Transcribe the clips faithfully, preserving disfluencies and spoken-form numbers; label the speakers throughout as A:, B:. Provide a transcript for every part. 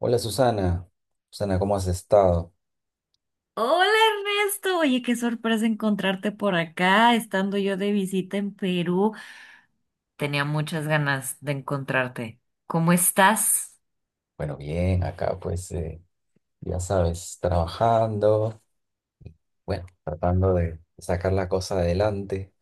A: Hola Susana, Susana, ¿cómo has estado?
B: Hola Ernesto, oye, qué sorpresa encontrarte por acá, estando yo de visita en Perú. Tenía muchas ganas de encontrarte. ¿Cómo estás?
A: Bueno, bien, acá pues eh, ya sabes, trabajando, bueno, tratando de sacar la cosa adelante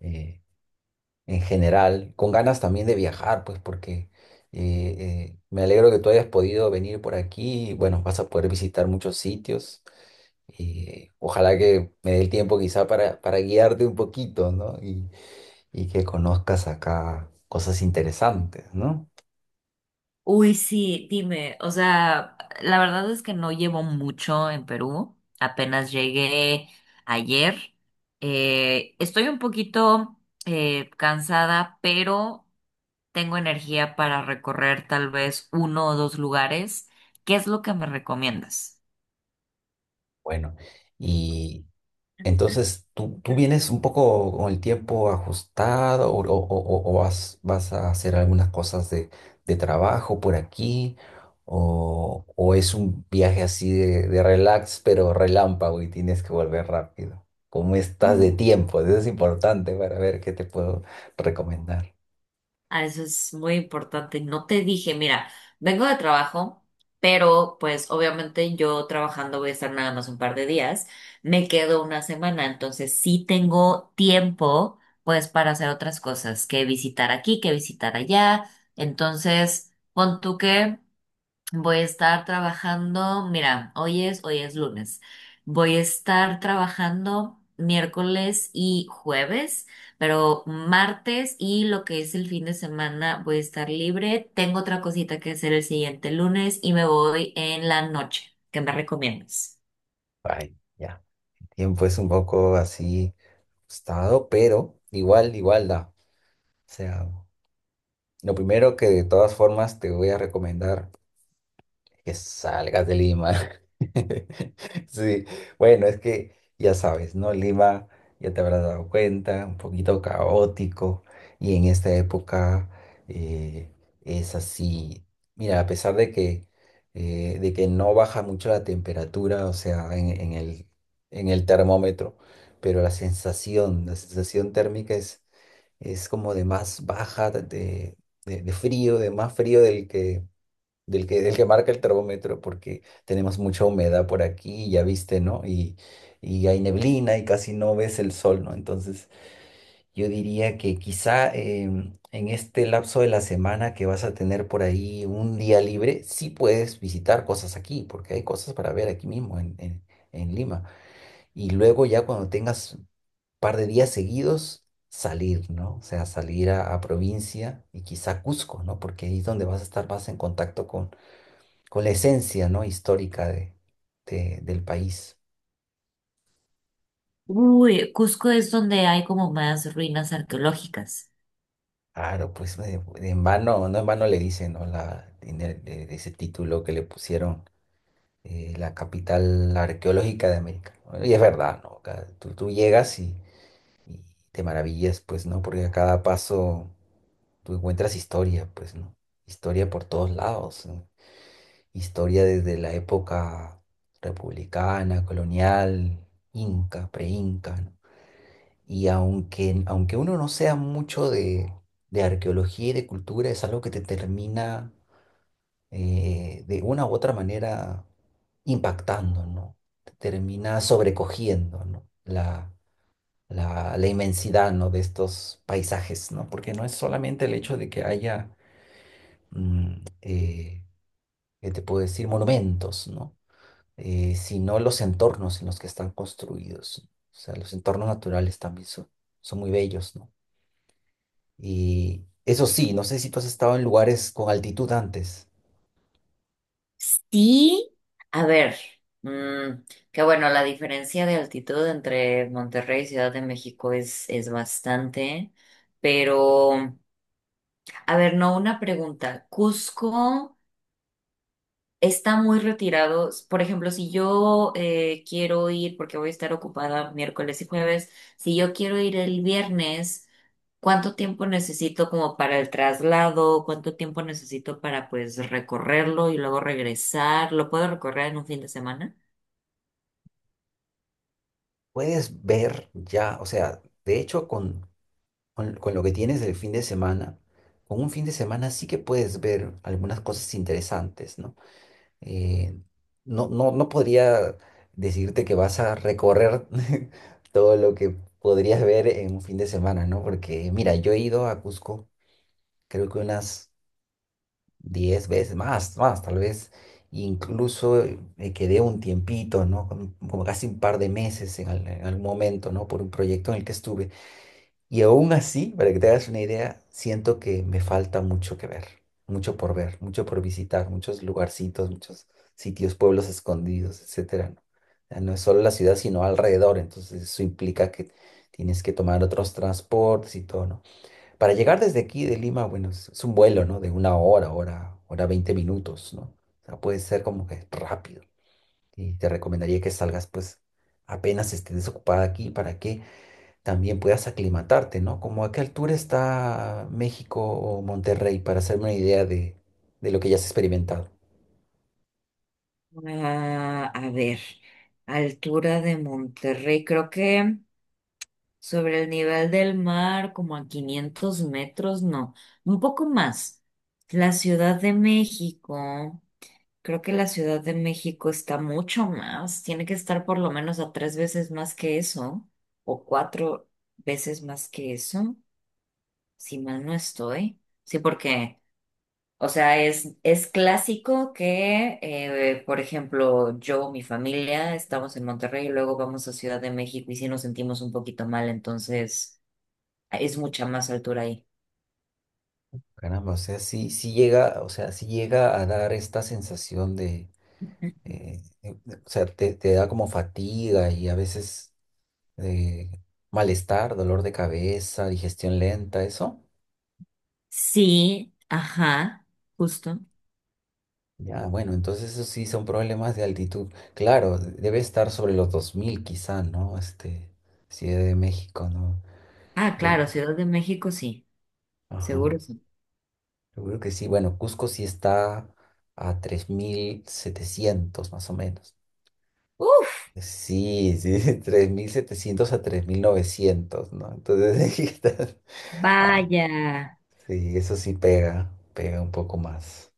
A: eh, en general, con ganas también de viajar, pues porque eh, eh, me alegro que tú hayas podido venir por aquí. Bueno, vas a poder visitar muchos sitios y ojalá que me dé el tiempo quizá para, para guiarte un poquito, ¿no? Y, y que conozcas acá cosas interesantes, ¿no?
B: Uy, sí, dime, o sea, la verdad es que no llevo mucho en Perú, apenas llegué ayer. Eh, estoy un poquito eh, cansada, pero tengo energía para recorrer tal vez uno o dos lugares. ¿Qué es lo que me recomiendas?
A: Bueno. Y entonces, ¿tú, tú vienes un poco con el tiempo ajustado o, o- o- o vas, vas a hacer algunas cosas de, de trabajo por aquí? ¿O, o es un viaje así de, de relax, pero relámpago y tienes que volver rápido? ¿Cómo estás de tiempo? Eso es importante para ver qué te puedo recomendar.
B: Ah, eso es muy importante. No te dije, mira, vengo de trabajo, pero pues obviamente yo trabajando voy a estar nada más un par de días. Me quedo una semana, entonces sí tengo tiempo pues para hacer otras cosas, que visitar aquí, que visitar allá. Entonces, pon tú que voy a estar trabajando, mira, hoy es, hoy es lunes. Voy a estar trabajando miércoles y jueves, pero martes y lo que es el fin de semana voy a estar libre. Tengo otra cosita que hacer el siguiente lunes y me voy en la noche. ¿Qué me recomiendas?
A: Ay, ya. El tiempo es un poco así ajustado, pero igual, igual da. O sea, lo primero que de todas formas te voy a recomendar. Que salgas de Lima. Sí, bueno, es que ya sabes, ¿no? Lima, ya te habrás dado cuenta, un poquito caótico y en esta época eh, es así. Mira, a pesar de que, eh, de que no baja mucho la temperatura, o sea, en, en el, en el termómetro, pero la sensación, la sensación térmica es, es como de más baja, de, de de frío, de más frío del que del que, del que marca el termómetro, porque tenemos mucha humedad por aquí, ya viste, ¿no? Y, y hay neblina y casi no ves el sol, ¿no? Entonces, yo diría que quizá em, en este lapso de la semana que vas a tener por ahí un día libre, sí puedes visitar cosas aquí, porque hay cosas para ver aquí mismo en, en, en Lima. Y luego ya cuando tengas un par de días seguidos, salir, ¿no? O sea, salir a, a provincia y quizá Cusco, ¿no? Porque ahí es donde vas a estar más en contacto con con la esencia, ¿no? Histórica de, de- del país.
B: Uy, Cusco es donde hay como más ruinas arqueológicas.
A: Claro, pues de- de en vano, no en vano le dicen, ¿no? La, en el- de, de ese título que le pusieron eh, la capital arqueológica de América, ¿no? Y es verdad, ¿no? Acá Tú, tú llegas y, y te maravillas, pues, ¿no? Porque a cada paso tú encuentras historia, pues, ¿no? Historia por todos lados, ¿no? Historia desde la época republicana, colonial, inca, preinca. Inca Y aunque, aunque uno no sea mucho de, de arqueología y de cultura, es algo que te termina eh, de una u otra manera impactando, ¿no? Te termina sobrecogiendo, ¿no? La, la, la inmensidad, ¿no? De estos paisajes, ¿no? Porque no es solamente el hecho de que haya, mm, eh, ¿qué te puedo decir? Monumentos, ¿no? Eh, sino los entornos en los que están construidos. O sea, los entornos naturales también son, son muy bellos, ¿no? Y eso sí, no sé si tú has estado en lugares con altitud antes.
B: Sí, a ver, mm, que bueno, la diferencia de altitud entre Monterrey y Ciudad de México es, es bastante, pero, a ver, no, una pregunta. Cusco está muy retirado. Por ejemplo, si yo eh, quiero ir, porque voy a estar ocupada miércoles y jueves, si yo quiero ir el viernes, ¿cuánto tiempo necesito como para el traslado? ¿Cuánto tiempo necesito para pues recorrerlo y luego regresar? ¿Lo puedo recorrer en un fin de semana?
A: Puedes ver ya, o sea, de hecho con, con, con lo que tienes del fin de semana, con un fin de semana sí que puedes ver algunas cosas interesantes, ¿no? Eh, no, no, no podría decirte que vas a recorrer todo lo que podrías ver en un fin de semana, ¿no? Porque mira, yo he ido a Cusco creo que unas diez veces más, más, tal vez incluso eh, me quedé un tiempito, ¿no? Como como casi un par de meses en, al- en algún momento, ¿no? Por un proyecto en el que estuve. Y aún así, para que te hagas una idea, siento que me falta mucho que ver, mucho por ver, mucho por visitar, muchos lugarcitos, muchos sitios, pueblos escondidos, etcétera, ¿no? O sea, no es solo la ciudad, sino alrededor, entonces eso implica que tienes que tomar otros transportes y todo, ¿no? Para llegar desde aquí de Lima, bueno, es, es un vuelo, ¿no? De una hora, hora, hora veinte minutos, ¿no? O sea, puede ser como que rápido. Y te recomendaría que salgas, pues, apenas estés desocupada aquí para que también puedas aclimatarte, ¿no? Como a qué altura está México o Monterrey, para hacerme una idea de, de lo que ya has experimentado.
B: Ah, a ver, altura de Monterrey, creo que sobre el nivel del mar, como a quinientos metros, no, un poco más. La Ciudad de México, creo que la Ciudad de México está mucho más, tiene que estar por lo menos a tres veces más que eso, o cuatro veces más que eso, si mal no estoy. Sí, porque o sea, es, es clásico que, eh, por ejemplo, yo, mi familia, estamos en Monterrey y luego vamos a Ciudad de México y sí nos sentimos un poquito mal, entonces es mucha más altura ahí.
A: Caramba, o sea, sí, sí llega, o sea, sí llega a dar esta sensación de, eh, de- de- o sea, te, te da como fatiga y a veces de malestar, dolor de cabeza, digestión lenta, eso.
B: Sí, ajá, justo.
A: Ya, bueno, entonces eso sí son problemas de altitud. Claro, de- debe estar sobre los dos mil quizá, ¿no? Este, Ciudad de México, ¿no?
B: Ah,
A: Yo
B: claro,
A: no.
B: Ciudad de México sí,
A: Ajá.
B: seguro sí.
A: Seguro que sí. Bueno, Cusco sí está a tres mil setecientos más o menos.
B: Uf,
A: Sí, sí, tres mil setecientos a tres mil novecientos, ¿no? Entonces, ahí está. ah,
B: vaya.
A: sí, eso sí pega, pega un poco más,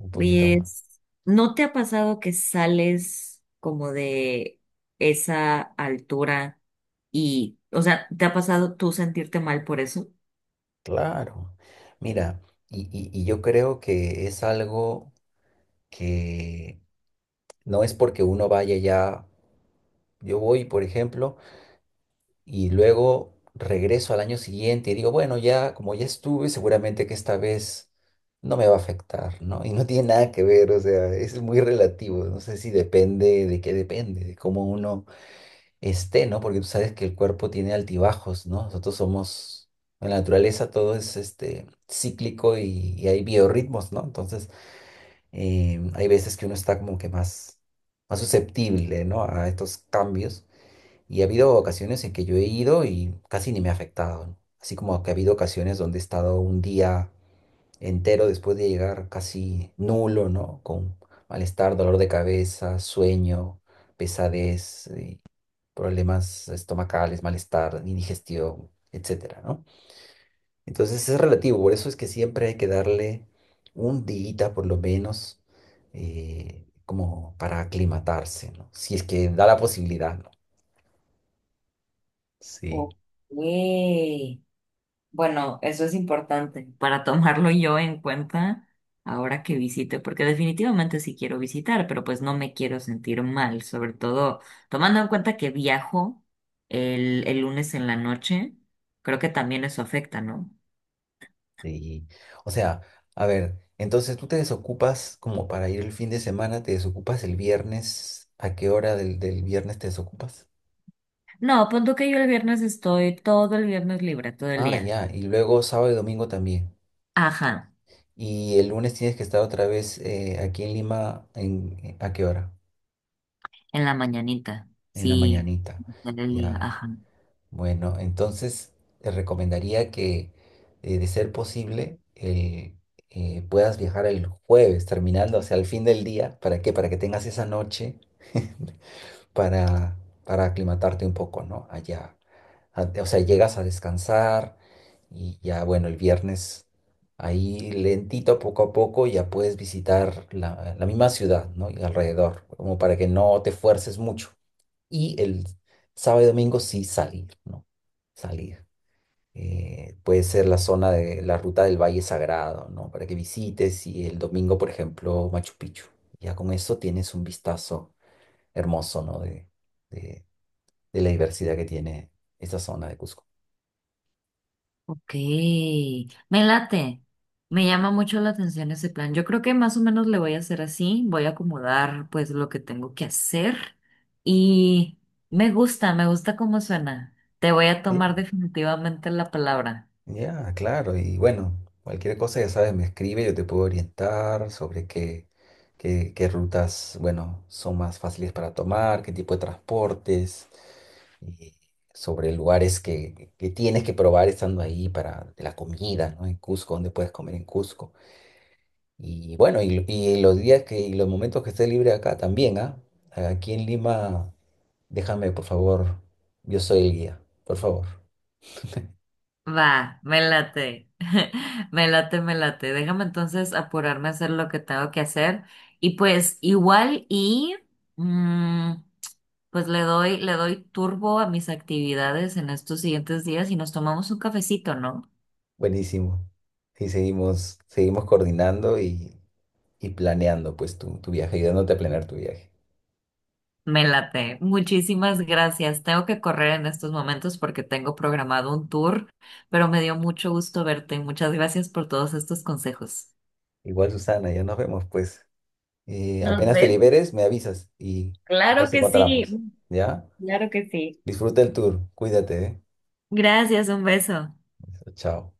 A: un poquito
B: Oye,
A: más.
B: es- ¿no te ha pasado que sales como de esa altura y, o sea, te ha pasado tú sentirte mal por eso?
A: Claro, mira, y, y- y yo creo que es algo que no es porque uno vaya ya, yo voy, por ejemplo, y luego regreso al año siguiente y digo, bueno, ya como ya estuve, seguramente que esta vez no me va a afectar, ¿no? Y no tiene nada que ver, o sea, es muy relativo, no sé si depende de qué depende, de cómo uno esté, ¿no? Porque tú sabes que el cuerpo tiene altibajos, ¿no? Nosotros somos, en la naturaleza todo es este, cíclico y, y hay biorritmos, ¿no? Entonces, eh, hay veces que uno está como que más, más susceptible, ¿no? A estos cambios. Y ha habido ocasiones en que yo he ido y casi ni me ha afectado, ¿no? Así como que ha habido ocasiones donde he estado un día entero después de llegar casi nulo, ¿no? Con malestar, dolor de cabeza, sueño, pesadez, problemas estomacales, malestar, indigestión, etcétera, ¿no? Entonces es relativo, por eso es que siempre hay que darle un día por lo menos eh, como para aclimatarse, ¿no? Si es que da la posibilidad, ¿no? Sí,
B: Ok. Bueno, eso es importante para tomarlo yo en cuenta ahora que visite, porque definitivamente sí quiero visitar, pero pues no me quiero sentir mal, sobre todo tomando en cuenta que viajo el, el lunes en la noche, creo que también eso afecta, ¿no?
A: sí. O sea, a ver, entonces tú te desocupas como para ir el fin de semana, te desocupas el viernes, ¿a qué hora del, del viernes te desocupas?
B: No, punto que yo el viernes estoy todo el viernes libre, todo el
A: Ah,
B: día.
A: ya, y luego sábado y domingo también.
B: Ajá,
A: Y el lunes tienes que estar otra vez eh, aquí en Lima, en, eh, ¿a qué hora?
B: en la mañanita,
A: En la
B: sí,
A: mañanita.
B: todo el día,
A: Ya,
B: ajá.
A: bueno, entonces te recomendaría que, eh, de ser posible, el, eh, puedas viajar el jueves, terminando, o sea, al fin del día. ¿Para qué? Para que tengas esa noche para, para aclimatarte un poco, ¿no? Allá. A- O sea, llegas a descansar y ya, bueno, el viernes ahí lentito, poco a poco, ya puedes visitar la, la misma ciudad, ¿no? Y alrededor, como para que no te fuerces mucho. Y el sábado y domingo sí salir, ¿no? Salir. Eh, puede ser la zona de la ruta del Valle Sagrado, ¿no? Para que visites y el domingo, por ejemplo, Machu Picchu. Ya con eso tienes un vistazo hermoso, ¿no? De, de, de la diversidad que tiene esta zona de Cusco.
B: Ok, me late, me llama mucho la atención ese plan. Yo creo que más o menos le voy a hacer así, voy a acomodar pues lo que tengo que hacer y me gusta, me gusta cómo suena. Te voy a tomar
A: Sí,
B: definitivamente la palabra.
A: ya, claro. Y bueno, cualquier cosa, ya sabes, me escribe, yo te puedo orientar sobre qué, qué, qué rutas, bueno, son más fáciles para tomar, qué tipo de transportes, y sobre lugares que, que tienes que probar estando ahí para la comida, ¿no? En Cusco, dónde puedes comer en Cusco. Y bueno, y, y los días que, y los momentos que esté libre acá también, ¿ah? Aquí en Lima. Déjame, por favor. Yo soy el guía, por favor.
B: Va, me late, me late, me late. Déjame entonces apurarme a hacer lo que tengo que hacer y pues igual y... mm, pues le doy, le doy turbo a mis actividades en estos siguientes días y nos tomamos un cafecito, ¿no?
A: Buenísimo. Y seguimos, seguimos coordinando y, y planeando pues tu, tu viaje, ayudándote a planear tu viaje.
B: Me late. Muchísimas gracias. Tengo que correr en estos momentos porque tengo programado un tour, pero me dio mucho gusto verte. Muchas gracias por todos estos consejos.
A: Igual, Susana, ya nos vemos pues. Eh,
B: Nos
A: apenas te
B: vemos.
A: liberes, me avisas y
B: Claro
A: nos
B: que sí,
A: encontramos. ¿Ya?
B: claro que sí.
A: Disfruta el tour. Cuídate, ¿eh?
B: Gracias, un beso.
A: Chao.